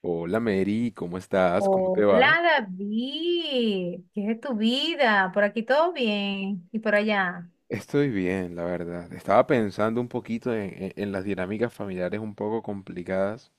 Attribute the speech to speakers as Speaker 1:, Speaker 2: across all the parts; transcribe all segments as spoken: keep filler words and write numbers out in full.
Speaker 1: Hola Mary, ¿cómo estás? ¿Cómo te
Speaker 2: Hola
Speaker 1: va?
Speaker 2: David, ¿qué es de tu vida? Por aquí todo bien y por allá.
Speaker 1: Estoy bien, la verdad. Estaba pensando un poquito en, en- en las dinámicas familiares un poco complicadas,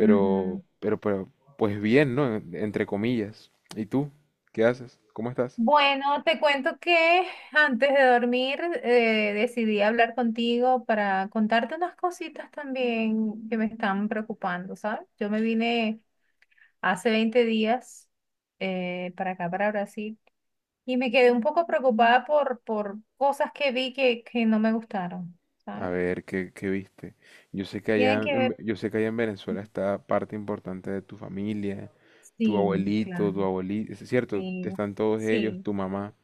Speaker 2: Ujú.
Speaker 1: pero, pero, pues bien, ¿no? En- Entre comillas. ¿Y tú? ¿Qué haces? ¿Cómo estás?
Speaker 2: Bueno, te cuento que antes de dormir eh, decidí hablar contigo para contarte unas cositas también que me están preocupando, ¿sabes? Yo me vine hace veinte días eh, para acá, para Brasil, y me quedé un poco preocupada por, por cosas que vi que, que no me gustaron, ¿sabes?
Speaker 1: A ver, ¿qué, qué viste? Yo sé que allá,
Speaker 2: Tienen que
Speaker 1: en Ve-
Speaker 2: ver,
Speaker 1: yo sé que allá en Venezuela está parte importante de tu familia, tu
Speaker 2: sí,
Speaker 1: abuelito, tu
Speaker 2: claro.
Speaker 1: abuelita, es cierto,
Speaker 2: Sí,
Speaker 1: están todos ellos,
Speaker 2: sí,
Speaker 1: tu mamá.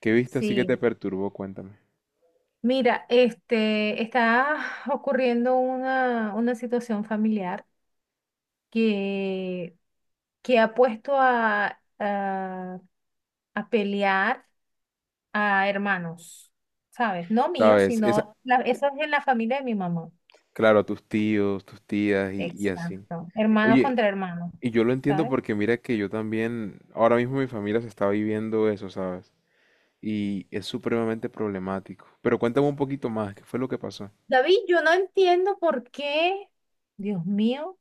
Speaker 1: ¿Qué viste así que te
Speaker 2: sí.
Speaker 1: perturbó? Cuéntame.
Speaker 2: Mira, este, está ocurriendo una, una situación familiar que, que ha puesto a, a, a pelear a hermanos, ¿sabes? No míos,
Speaker 1: ¿Sabes? Esa,
Speaker 2: sino la- eso es en la familia de mi mamá.
Speaker 1: claro, a tus tíos, tus tías y, y así.
Speaker 2: Exacto. Hermanos
Speaker 1: Oye,
Speaker 2: contra hermanos,
Speaker 1: y yo lo entiendo
Speaker 2: ¿sabes?
Speaker 1: porque mira que yo también, ahora mismo mi familia se está viviendo eso, ¿sabes? Y es supremamente problemático. Pero cuéntame un poquito más, ¿qué fue lo que pasó?
Speaker 2: David, yo no entiendo por qué, Dios mío,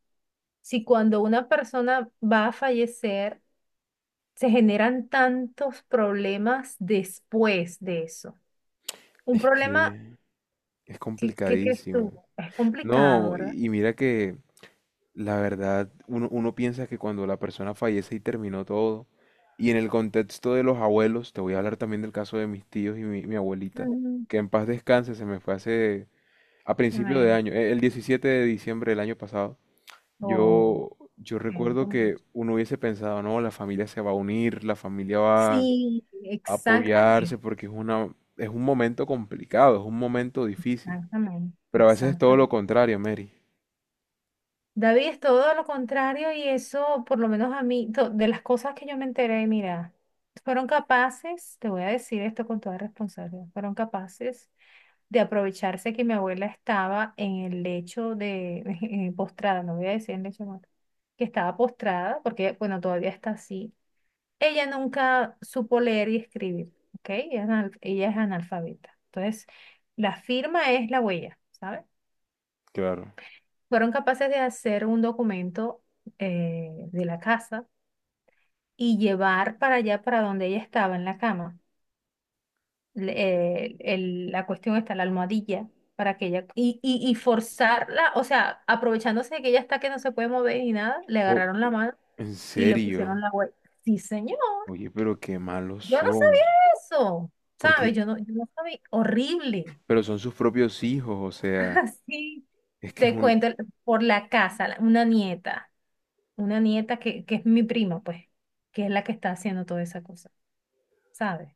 Speaker 2: si cuando una persona va a fallecer, se generan tantos problemas después de eso. Un
Speaker 1: Es
Speaker 2: problema,
Speaker 1: que es
Speaker 2: ¿qué, qué crees tú?
Speaker 1: complicadísimo.
Speaker 2: Es complicado,
Speaker 1: No,
Speaker 2: ¿verdad?
Speaker 1: y, y mira que la verdad, uno, uno piensa que cuando la persona fallece y terminó todo, y en el contexto de los abuelos, te voy a hablar también del caso de mis tíos y mi, mi abuelita,
Speaker 2: Mm,
Speaker 1: que en paz descanse, se me fue hace a principio de
Speaker 2: amén.
Speaker 1: año, eh, el diecisiete de diciembre del año pasado.
Speaker 2: Oh,
Speaker 1: Yo, yo
Speaker 2: siento
Speaker 1: recuerdo que
Speaker 2: mucho.
Speaker 1: uno hubiese pensado, no, la familia se va a unir, la familia va a
Speaker 2: Sí,
Speaker 1: apoyarse
Speaker 2: exactamente,
Speaker 1: porque es una, es un momento complicado, es un momento difícil.
Speaker 2: exactamente,
Speaker 1: Pero a veces es todo lo
Speaker 2: exactamente.
Speaker 1: contrario, Mary.
Speaker 2: David es todo lo contrario y eso, por lo menos a mí, to- de las cosas que yo me enteré, mira, fueron capaces, te voy a decir esto con toda responsabilidad, fueron capaces de aprovecharse que mi abuela estaba en el lecho de postrada, no voy a decir en lecho de muerte, que estaba postrada, porque bueno, todavía está así. Ella nunca supo leer y escribir, ¿ok? Ella es, anal- ella es analfabeta. Entonces, la firma es la huella, ¿sabes?
Speaker 1: Claro.
Speaker 2: Fueron capaces de hacer un documento eh, de la casa y llevar para allá, para donde ella estaba en la cama. le- eh, el- la cuestión está la almohadilla para que ella y, y, y forzarla, o sea, aprovechándose de que ella está que no se puede mover ni nada, le
Speaker 1: Oh,
Speaker 2: agarraron la mano
Speaker 1: en
Speaker 2: y le
Speaker 1: serio.
Speaker 2: pusieron la huella. Sí, señor,
Speaker 1: Oye, pero qué malos
Speaker 2: yo no
Speaker 1: son.
Speaker 2: sabía eso,
Speaker 1: Porque,
Speaker 2: ¿sabes? Yo no, yo no sabía, horrible.
Speaker 1: pero son sus propios hijos, o sea,
Speaker 2: Así
Speaker 1: es que es
Speaker 2: te
Speaker 1: un...
Speaker 2: cuento por la casa, la- una nieta, una nieta que, que es mi prima, pues, que es la que está haciendo toda esa cosa, ¿sabes?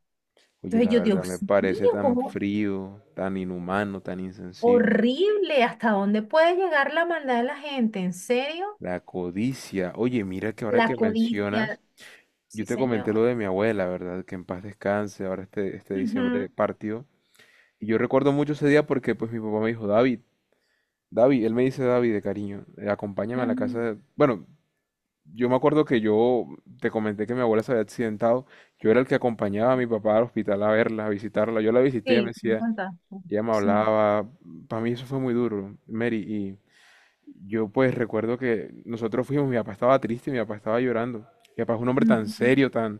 Speaker 1: Oye,
Speaker 2: Entonces
Speaker 1: la
Speaker 2: yo,
Speaker 1: verdad me
Speaker 2: Dios
Speaker 1: parece
Speaker 2: mío,
Speaker 1: tan
Speaker 2: ¿cómo?
Speaker 1: frío, tan inhumano, tan insensible.
Speaker 2: Horrible, ¿hasta dónde puede llegar la maldad de la gente? ¿En serio?
Speaker 1: La codicia. Oye, mira que ahora
Speaker 2: La
Speaker 1: que mencionas,
Speaker 2: codicia.
Speaker 1: yo
Speaker 2: Sí,
Speaker 1: te comenté
Speaker 2: señor.
Speaker 1: lo de mi abuela, ¿verdad? Que en paz descanse, ahora este, este diciembre
Speaker 2: Ujú,
Speaker 1: partió. Y yo recuerdo mucho ese día porque pues mi papá me dijo, David, David, él me dice David de cariño, eh, acompáñame a la casa
Speaker 2: ujú.
Speaker 1: de-". Bueno, yo me acuerdo que yo te comenté que mi abuela se había accidentado, yo era el que acompañaba a mi papá al hospital a verla, a visitarla, yo la visité, ella me
Speaker 2: Sí, me
Speaker 1: decía,
Speaker 2: contaste.
Speaker 1: ella me
Speaker 2: Sí.
Speaker 1: hablaba, para mí eso fue muy duro, Mary, yo pues recuerdo que nosotros fuimos, mi papá estaba triste, mi papá estaba llorando. Mi papá es un hombre tan
Speaker 2: Ujú.
Speaker 1: serio, tan...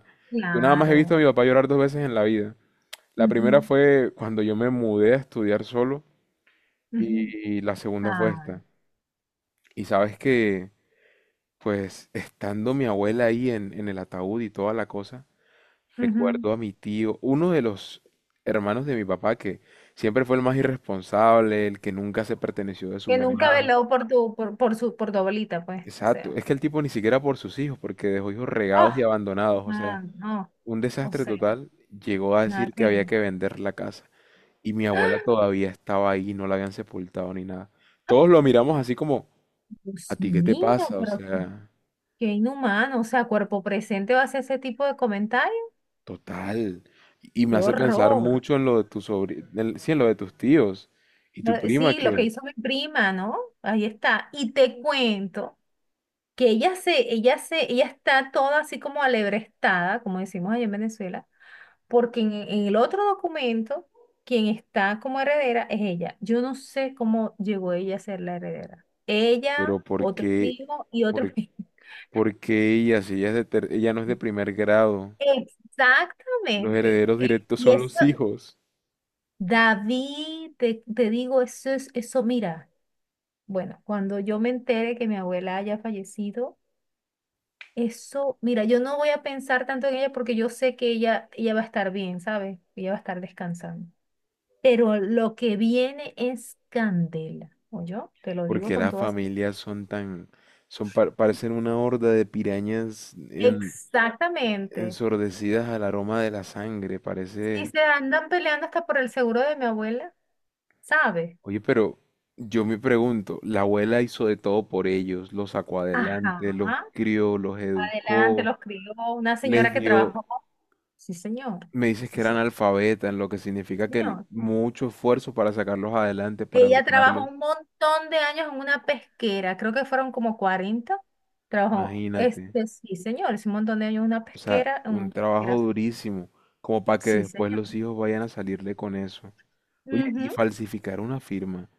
Speaker 1: Yo nada más he visto a
Speaker 2: Claro.
Speaker 1: mi papá llorar dos veces en la vida. La primera
Speaker 2: Ujú,
Speaker 1: fue cuando yo me mudé a estudiar solo
Speaker 2: ujú.
Speaker 1: y, y la segunda fue
Speaker 2: Ay,
Speaker 1: esta. Y sabes que, pues, estando mi abuela ahí en, en el ataúd y toda la cosa,
Speaker 2: ujú.
Speaker 1: recuerdo a mi tío, uno de los hermanos de mi papá que siempre fue el más irresponsable, el que nunca se perteneció de su
Speaker 2: Que nunca
Speaker 1: mamá.
Speaker 2: veló por tu, por, por su, por tu abuelita, pues. O
Speaker 1: Exacto,
Speaker 2: sea.
Speaker 1: es que el tipo ni siquiera por sus hijos, porque dejó hijos regados y
Speaker 2: Ah,
Speaker 1: abandonados, o sea,
Speaker 2: ah, no.
Speaker 1: un
Speaker 2: O
Speaker 1: desastre
Speaker 2: sea,
Speaker 1: total, llegó a
Speaker 2: nada
Speaker 1: decir
Speaker 2: que
Speaker 1: que
Speaker 2: ver.
Speaker 1: había que vender la casa y mi abuela
Speaker 2: ¡Ah!
Speaker 1: todavía estaba ahí, no la habían sepultado ni nada. Todos lo miramos así como, ¿a
Speaker 2: Dios
Speaker 1: ti qué te
Speaker 2: mío,
Speaker 1: pasa? O
Speaker 2: pero qué,
Speaker 1: sea,
Speaker 2: qué inhumano. O sea, cuerpo presente va a hacer ese tipo de comentarios.
Speaker 1: total. Y y me
Speaker 2: Qué
Speaker 1: hace pensar
Speaker 2: horror.
Speaker 1: mucho en lo de tus sobrinos, sí, en lo de tus tíos y tu
Speaker 2: Lo-
Speaker 1: prima
Speaker 2: Sí, lo que
Speaker 1: que,
Speaker 2: hizo mi prima, ¿no? Ahí está. Y te cuento que ella se, ella se, ella está toda así como alebrestada, como decimos allá en Venezuela, porque en, en el otro documento, quien está como heredera es ella. Yo no sé cómo llegó ella a ser la heredera. Ella,
Speaker 1: pero ¿por
Speaker 2: otro
Speaker 1: qué,
Speaker 2: primo y otro
Speaker 1: por,
Speaker 2: primo.
Speaker 1: por qué ella, si ella es de ter- ella no es de primer grado? Los
Speaker 2: Exactamente.
Speaker 1: herederos
Speaker 2: Eh,
Speaker 1: directos
Speaker 2: Y
Speaker 1: son
Speaker 2: eso,
Speaker 1: los hijos.
Speaker 2: David, te, te digo, eso es, eso, mira. Bueno, cuando yo me entere que mi abuela haya fallecido, eso, mira, yo no voy a pensar tanto en ella porque yo sé que ella, ella va a estar bien, ¿sabes? Ella va a estar descansando. Pero lo que viene es candela, o yo te lo digo
Speaker 1: Porque
Speaker 2: con
Speaker 1: las
Speaker 2: todas.
Speaker 1: familias son tan, son par- parecen una horda de pirañas en-
Speaker 2: Exactamente.
Speaker 1: ensordecidas al aroma de la sangre,
Speaker 2: Si
Speaker 1: parece.
Speaker 2: se andan peleando hasta por el seguro de mi abuela, ¿sabes?
Speaker 1: Oye, pero yo me pregunto, la abuela hizo de todo por ellos, los sacó adelante,
Speaker 2: Ajá.
Speaker 1: los crió, los
Speaker 2: Adelante,
Speaker 1: educó,
Speaker 2: los crió una
Speaker 1: les
Speaker 2: señora que
Speaker 1: dio,
Speaker 2: trabajó. Sí, señor.
Speaker 1: me dices
Speaker 2: Sí,
Speaker 1: que eran
Speaker 2: sí,
Speaker 1: alfabetas, lo que significa que el-
Speaker 2: señor.
Speaker 1: mucho esfuerzo para sacarlos adelante, para
Speaker 2: Ella trabajó
Speaker 1: educarlos.
Speaker 2: un montón de años en una pesquera, creo que fueron como cuarenta Trabajó,
Speaker 1: Imagínate,
Speaker 2: este, sí, señor, es un montón de años en una
Speaker 1: o sea,
Speaker 2: pesquera, en
Speaker 1: un
Speaker 2: una
Speaker 1: trabajo
Speaker 2: pesquera,
Speaker 1: durísimo, como para que
Speaker 2: Sí,
Speaker 1: después
Speaker 2: señor.
Speaker 1: los hijos vayan a salirle con eso. Oye, y
Speaker 2: Ujú.
Speaker 1: falsificar una firma,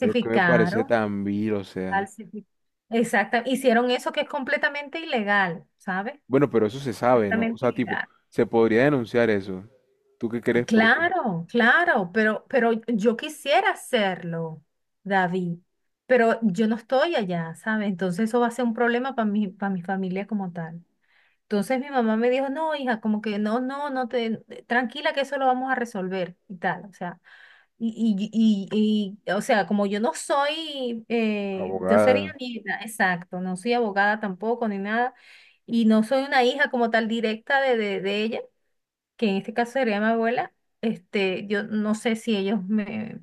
Speaker 1: lo que me parece tan vil, o sea.
Speaker 2: falsificaron. Exacto, hicieron eso que es completamente ilegal, ¿sabes?
Speaker 1: Bueno, pero eso se sabe, ¿no? O
Speaker 2: Completamente
Speaker 1: sea, tipo,
Speaker 2: ilegal.
Speaker 1: se podría denunciar eso. ¿Tú qué
Speaker 2: Ah,
Speaker 1: crees? Porque
Speaker 2: claro, claro, pero, pero yo quisiera hacerlo, David, pero yo no estoy allá, ¿sabes? Entonces eso va a ser un problema para mi, para mi familia como tal. Entonces mi mamá me dijo, no, hija, como que no, no, no te, tranquila que eso lo vamos a resolver y tal, o sea, y, y, y, y, o sea, como yo no soy, eh, yo sería
Speaker 1: abogada.
Speaker 2: nieta, exacto, no soy abogada tampoco ni nada, y no soy una hija como tal directa de, de, de ella, que en este caso sería mi abuela, este, yo no sé si ellos me,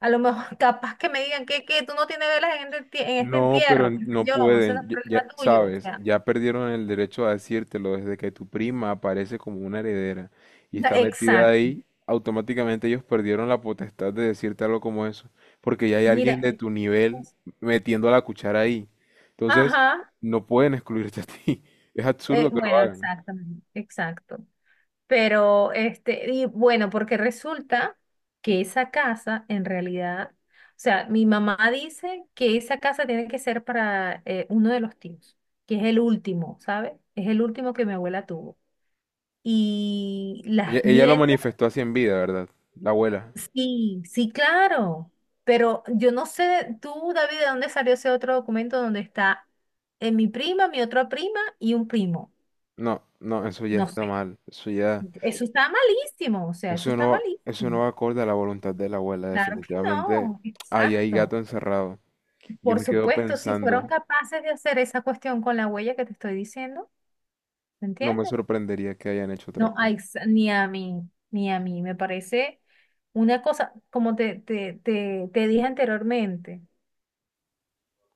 Speaker 2: a lo mejor capaz que me digan que, que tú no tienes velas en este, en este,
Speaker 1: No, pero
Speaker 2: entierro,
Speaker 1: n-
Speaker 2: qué sé
Speaker 1: no
Speaker 2: yo, eso no es
Speaker 1: pueden, ya, ya-
Speaker 2: problema tuyo, o
Speaker 1: sabes,
Speaker 2: sea,
Speaker 1: ya perdieron el derecho a decírtelo desde que tu prima aparece como una heredera y está metida
Speaker 2: exacto,
Speaker 1: ahí, automáticamente ellos perdieron la potestad de decirte algo como eso, porque ya hay
Speaker 2: mira.
Speaker 1: alguien de tu nivel metiendo la cuchara ahí. Entonces,
Speaker 2: Ajá,
Speaker 1: no pueden excluirte a ti. Es
Speaker 2: eh,
Speaker 1: absurdo que lo
Speaker 2: bueno,
Speaker 1: hagan.
Speaker 2: exactamente, exacto. Pero, este, y bueno, porque resulta que esa casa, en realidad, o sea, mi mamá dice que esa casa tiene que ser para eh, uno de los tíos, que es el último, ¿sabes? Es el último que mi abuela tuvo. Y
Speaker 1: Ella,
Speaker 2: las
Speaker 1: ella lo
Speaker 2: nietas,
Speaker 1: manifestó así en vida, ¿verdad? La abuela.
Speaker 2: sí, sí, claro. Pero yo no sé, tú, David, ¿de dónde salió ese otro documento donde está eh, mi prima, mi otra prima y un primo?
Speaker 1: No, no, eso ya
Speaker 2: No
Speaker 1: está
Speaker 2: sé.
Speaker 1: mal. Eso ya...
Speaker 2: Eso está malísimo, o sea, eso
Speaker 1: Eso
Speaker 2: está
Speaker 1: no, eso no
Speaker 2: malísimo.
Speaker 1: va acorde a la voluntad de la abuela,
Speaker 2: Claro que
Speaker 1: definitivamente.
Speaker 2: no,
Speaker 1: Ahí hay
Speaker 2: exacto.
Speaker 1: gato encerrado. Yo
Speaker 2: Por
Speaker 1: me quedo
Speaker 2: supuesto, si
Speaker 1: pensando,
Speaker 2: fueron capaces de hacer esa cuestión con la huella que te estoy diciendo, ¿me
Speaker 1: no me
Speaker 2: entiendes?
Speaker 1: sorprendería que hayan hecho otra
Speaker 2: No, a
Speaker 1: cosa.
Speaker 2: ex- ni a mí, ni a mí, me parece una cosa, como te, te, te, te dije anteriormente,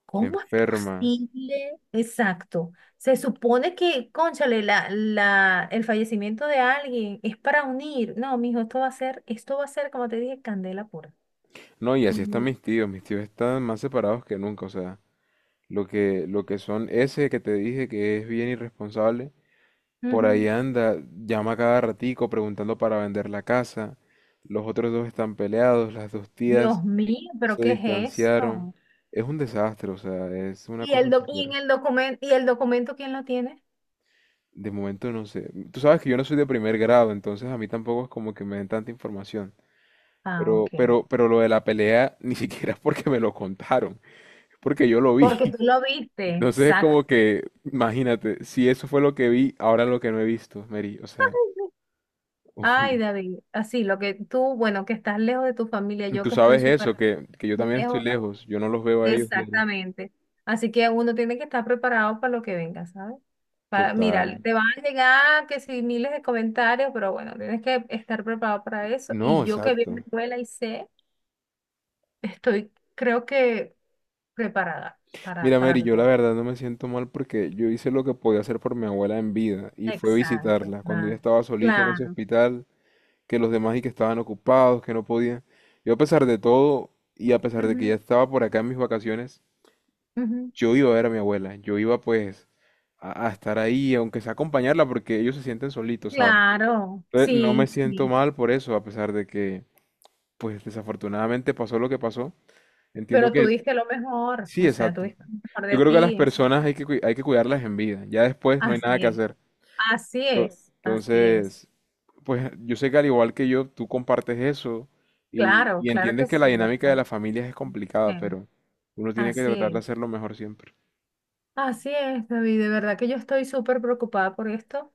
Speaker 2: ¿cómo es
Speaker 1: Enferma.
Speaker 2: posible? Exacto. Se supone que, cónchale, la, la, el fallecimiento de alguien es para unir. No, mijo, esto va a ser, esto va a ser, como te dije, candela pura.
Speaker 1: No, y
Speaker 2: Y
Speaker 1: así están mis tíos. Mis tíos están más separados que nunca. O sea, lo que, lo que son ese que te dije que es bien irresponsable, por ahí
Speaker 2: Ujú.
Speaker 1: anda, llama cada ratico preguntando para vender la casa. Los otros dos están peleados, las dos
Speaker 2: Dios
Speaker 1: tías
Speaker 2: mío, pero
Speaker 1: se
Speaker 2: ¿qué es
Speaker 1: distanciaron.
Speaker 2: eso?
Speaker 1: Es un desastre, o sea, es una
Speaker 2: ¿Y el
Speaker 1: cosa
Speaker 2: doc- y en
Speaker 1: súper...
Speaker 2: el documento, y el documento quién lo tiene?
Speaker 1: De momento no sé. Tú sabes que yo no soy de primer grado, entonces a mí tampoco es como que me den tanta información.
Speaker 2: Ah,
Speaker 1: Pero,
Speaker 2: ok.
Speaker 1: pero, pero lo de la pelea ni siquiera es porque me lo contaron, porque yo lo vi.
Speaker 2: Porque tú lo viste,
Speaker 1: Entonces es
Speaker 2: exacto.
Speaker 1: como que, imagínate, si eso fue lo que vi, ahora lo que no he visto, Mary. O sea,
Speaker 2: Ay, David, así lo que tú, bueno, que estás lejos de tu familia, yo
Speaker 1: tú
Speaker 2: que estoy
Speaker 1: sabes
Speaker 2: súper
Speaker 1: eso, que, que yo también estoy
Speaker 2: lejos,
Speaker 1: lejos, yo no los veo a ellos diario.
Speaker 2: exactamente. Así que uno tiene que estar preparado para lo que venga, ¿sabes? Para, mira,
Speaker 1: Total.
Speaker 2: te van a llegar que si miles de comentarios, pero bueno, tienes que estar preparado para eso.
Speaker 1: No,
Speaker 2: Y yo que vivo en
Speaker 1: exacto.
Speaker 2: escuela y sé, estoy, creo que preparada para,
Speaker 1: Mira,
Speaker 2: para
Speaker 1: Mary,
Speaker 2: lo
Speaker 1: yo
Speaker 2: que
Speaker 1: la
Speaker 2: va.
Speaker 1: verdad no me siento mal porque yo hice lo que podía hacer por mi abuela en vida y fue
Speaker 2: Exacto,
Speaker 1: visitarla. Cuando ella
Speaker 2: claro,
Speaker 1: estaba solita en ese
Speaker 2: claro,
Speaker 1: hospital, que los demás y que estaban ocupados, que no podían. Yo a pesar de todo y a pesar de que ya
Speaker 2: ujú,
Speaker 1: estaba por acá en mis vacaciones,
Speaker 2: ujú,
Speaker 1: yo iba a ver a mi abuela, yo iba pues a, a estar ahí, aunque sea acompañarla porque ellos se sienten solitos, ¿saben?
Speaker 2: claro,
Speaker 1: Entonces no me
Speaker 2: sí,
Speaker 1: siento
Speaker 2: sí,
Speaker 1: mal por eso, a pesar de que pues desafortunadamente pasó lo que pasó. Entiendo
Speaker 2: pero tú
Speaker 1: que
Speaker 2: diste lo mejor,
Speaker 1: sí,
Speaker 2: o sea, tú
Speaker 1: exacto.
Speaker 2: diste lo mejor
Speaker 1: Yo
Speaker 2: de
Speaker 1: creo que a las
Speaker 2: ti, es-
Speaker 1: personas hay que, cui- hay que cuidarlas en vida, ya después no hay nada
Speaker 2: así
Speaker 1: que
Speaker 2: es,
Speaker 1: hacer.
Speaker 2: así
Speaker 1: Co-
Speaker 2: es, así es,
Speaker 1: Entonces, pues yo sé que al igual que yo, tú compartes eso y,
Speaker 2: claro,
Speaker 1: y
Speaker 2: claro que
Speaker 1: entiendes que la
Speaker 2: sí,
Speaker 1: dinámica de
Speaker 2: bastante,
Speaker 1: las familias es complicada, pero uno tiene que
Speaker 2: así
Speaker 1: tratar de
Speaker 2: es,
Speaker 1: hacerlo mejor siempre.
Speaker 2: así es, David, de verdad que yo estoy súper preocupada por esto.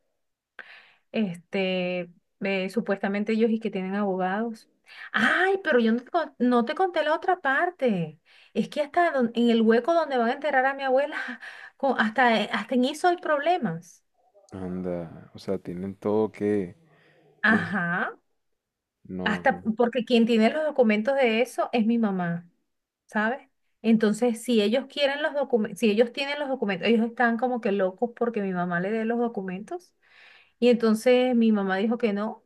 Speaker 2: Este, eh, Supuestamente ellos y que tienen abogados. Ay, pero yo no te, con- no te conté la otra parte. Es que hasta don- en el hueco donde van a enterrar a mi abuela, con- hasta, eh, hasta en eso hay problemas.
Speaker 1: Anda, o sea, tienen todo que... y es-
Speaker 2: Ajá, hasta
Speaker 1: No,
Speaker 2: porque quien tiene los documentos de eso es mi mamá, ¿sabes? Entonces, si ellos quieren los documentos, si ellos tienen los documentos, ellos están como que locos porque mi mamá le dé los documentos. Y entonces mi mamá dijo que no.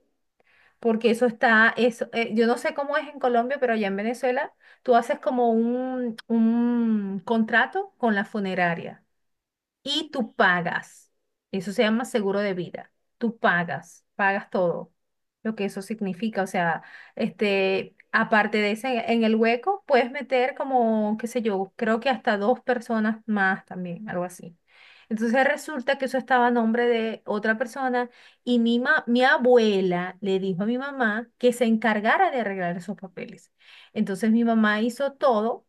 Speaker 2: Porque eso está, eso, eh, yo no sé cómo es en Colombia, pero allá en Venezuela tú haces como un, un contrato con la funeraria y tú pagas. Eso se llama seguro de vida. Tú pagas, pagas todo lo que eso significa. O sea, este, aparte de ese, en el hueco puedes meter como, qué sé yo, creo que hasta dos personas más también, algo así. Entonces resulta que eso estaba a nombre de otra persona y mi, ma- mi abuela le dijo a mi mamá que se encargara de arreglar esos papeles. Entonces mi mamá hizo todo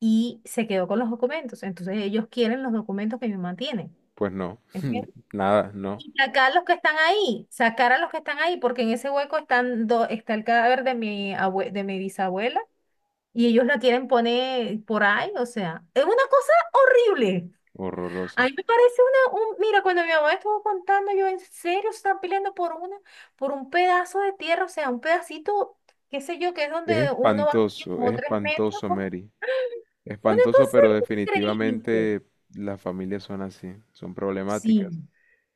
Speaker 2: y se quedó con los documentos. Entonces ellos quieren los documentos que mi mamá tiene.
Speaker 1: pues no,
Speaker 2: ¿Entiendes?
Speaker 1: nada, no,
Speaker 2: Y sacar los que están ahí, sacar a los que están ahí, porque en ese hueco están do- está el cadáver de mi abue- de mi bisabuela y ellos la quieren poner por ahí, o sea, es una cosa horrible. A
Speaker 1: horroroso.
Speaker 2: mí me parece una, un- mira, cuando mi mamá estuvo contando, yo en serio se están peleando por una, por un pedazo de tierra, o sea, un pedacito, qué sé yo, que es donde
Speaker 1: Es
Speaker 2: uno va a
Speaker 1: espantoso,
Speaker 2: como
Speaker 1: es
Speaker 2: tres metros,
Speaker 1: espantoso, Mary.
Speaker 2: una
Speaker 1: Espantoso,
Speaker 2: cosa
Speaker 1: pero
Speaker 2: increíble.
Speaker 1: definitivamente las familias son así, son
Speaker 2: Sí,
Speaker 1: problemáticas.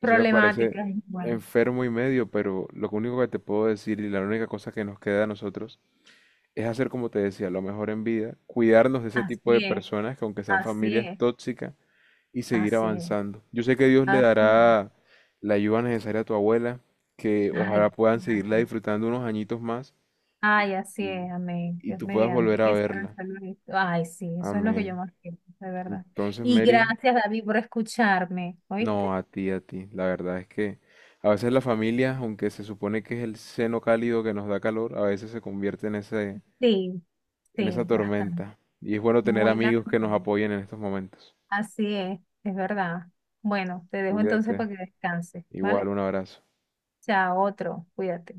Speaker 1: Eso me ¿verdad? Parece
Speaker 2: Y bueno,
Speaker 1: enfermo y medio, pero lo único que te puedo decir y la única cosa que nos queda a nosotros es hacer como te decía, lo mejor en vida, cuidarnos de ese tipo de
Speaker 2: así es,
Speaker 1: personas que aunque sean
Speaker 2: así
Speaker 1: familias
Speaker 2: es,
Speaker 1: tóxicas y seguir
Speaker 2: así es,
Speaker 1: avanzando. Yo sé que Dios le
Speaker 2: así es.
Speaker 1: dará la ayuda necesaria a tu abuela, que
Speaker 2: Ay,
Speaker 1: ojalá puedan seguirla
Speaker 2: gracias.
Speaker 1: disfrutando unos añitos más
Speaker 2: Ay, así
Speaker 1: y,
Speaker 2: es, amén.
Speaker 1: y
Speaker 2: Dios
Speaker 1: tú puedas
Speaker 2: mediante.
Speaker 1: volver a
Speaker 2: Que estará
Speaker 1: verla.
Speaker 2: salud esto. Ay, sí, eso es lo que yo
Speaker 1: Amén.
Speaker 2: más quiero, de verdad.
Speaker 1: Entonces,
Speaker 2: Y
Speaker 1: Mary,
Speaker 2: gracias, David, por escucharme. ¿Oíste?
Speaker 1: no, a ti, a ti. La verdad es que a veces la familia, aunque se supone que es el seno cálido que nos da calor, a veces se convierte en ese,
Speaker 2: Sí,
Speaker 1: en
Speaker 2: sí,
Speaker 1: esa
Speaker 2: bastante.
Speaker 1: tormenta. Y es bueno tener
Speaker 2: Muy
Speaker 1: amigos que nos
Speaker 2: lamentable.
Speaker 1: apoyen en estos momentos.
Speaker 2: Así es, es verdad. Bueno, te dejo entonces
Speaker 1: Cuídate.
Speaker 2: para que descanses, ¿vale?
Speaker 1: Igual, un abrazo.
Speaker 2: Chao, otro. Cuídate.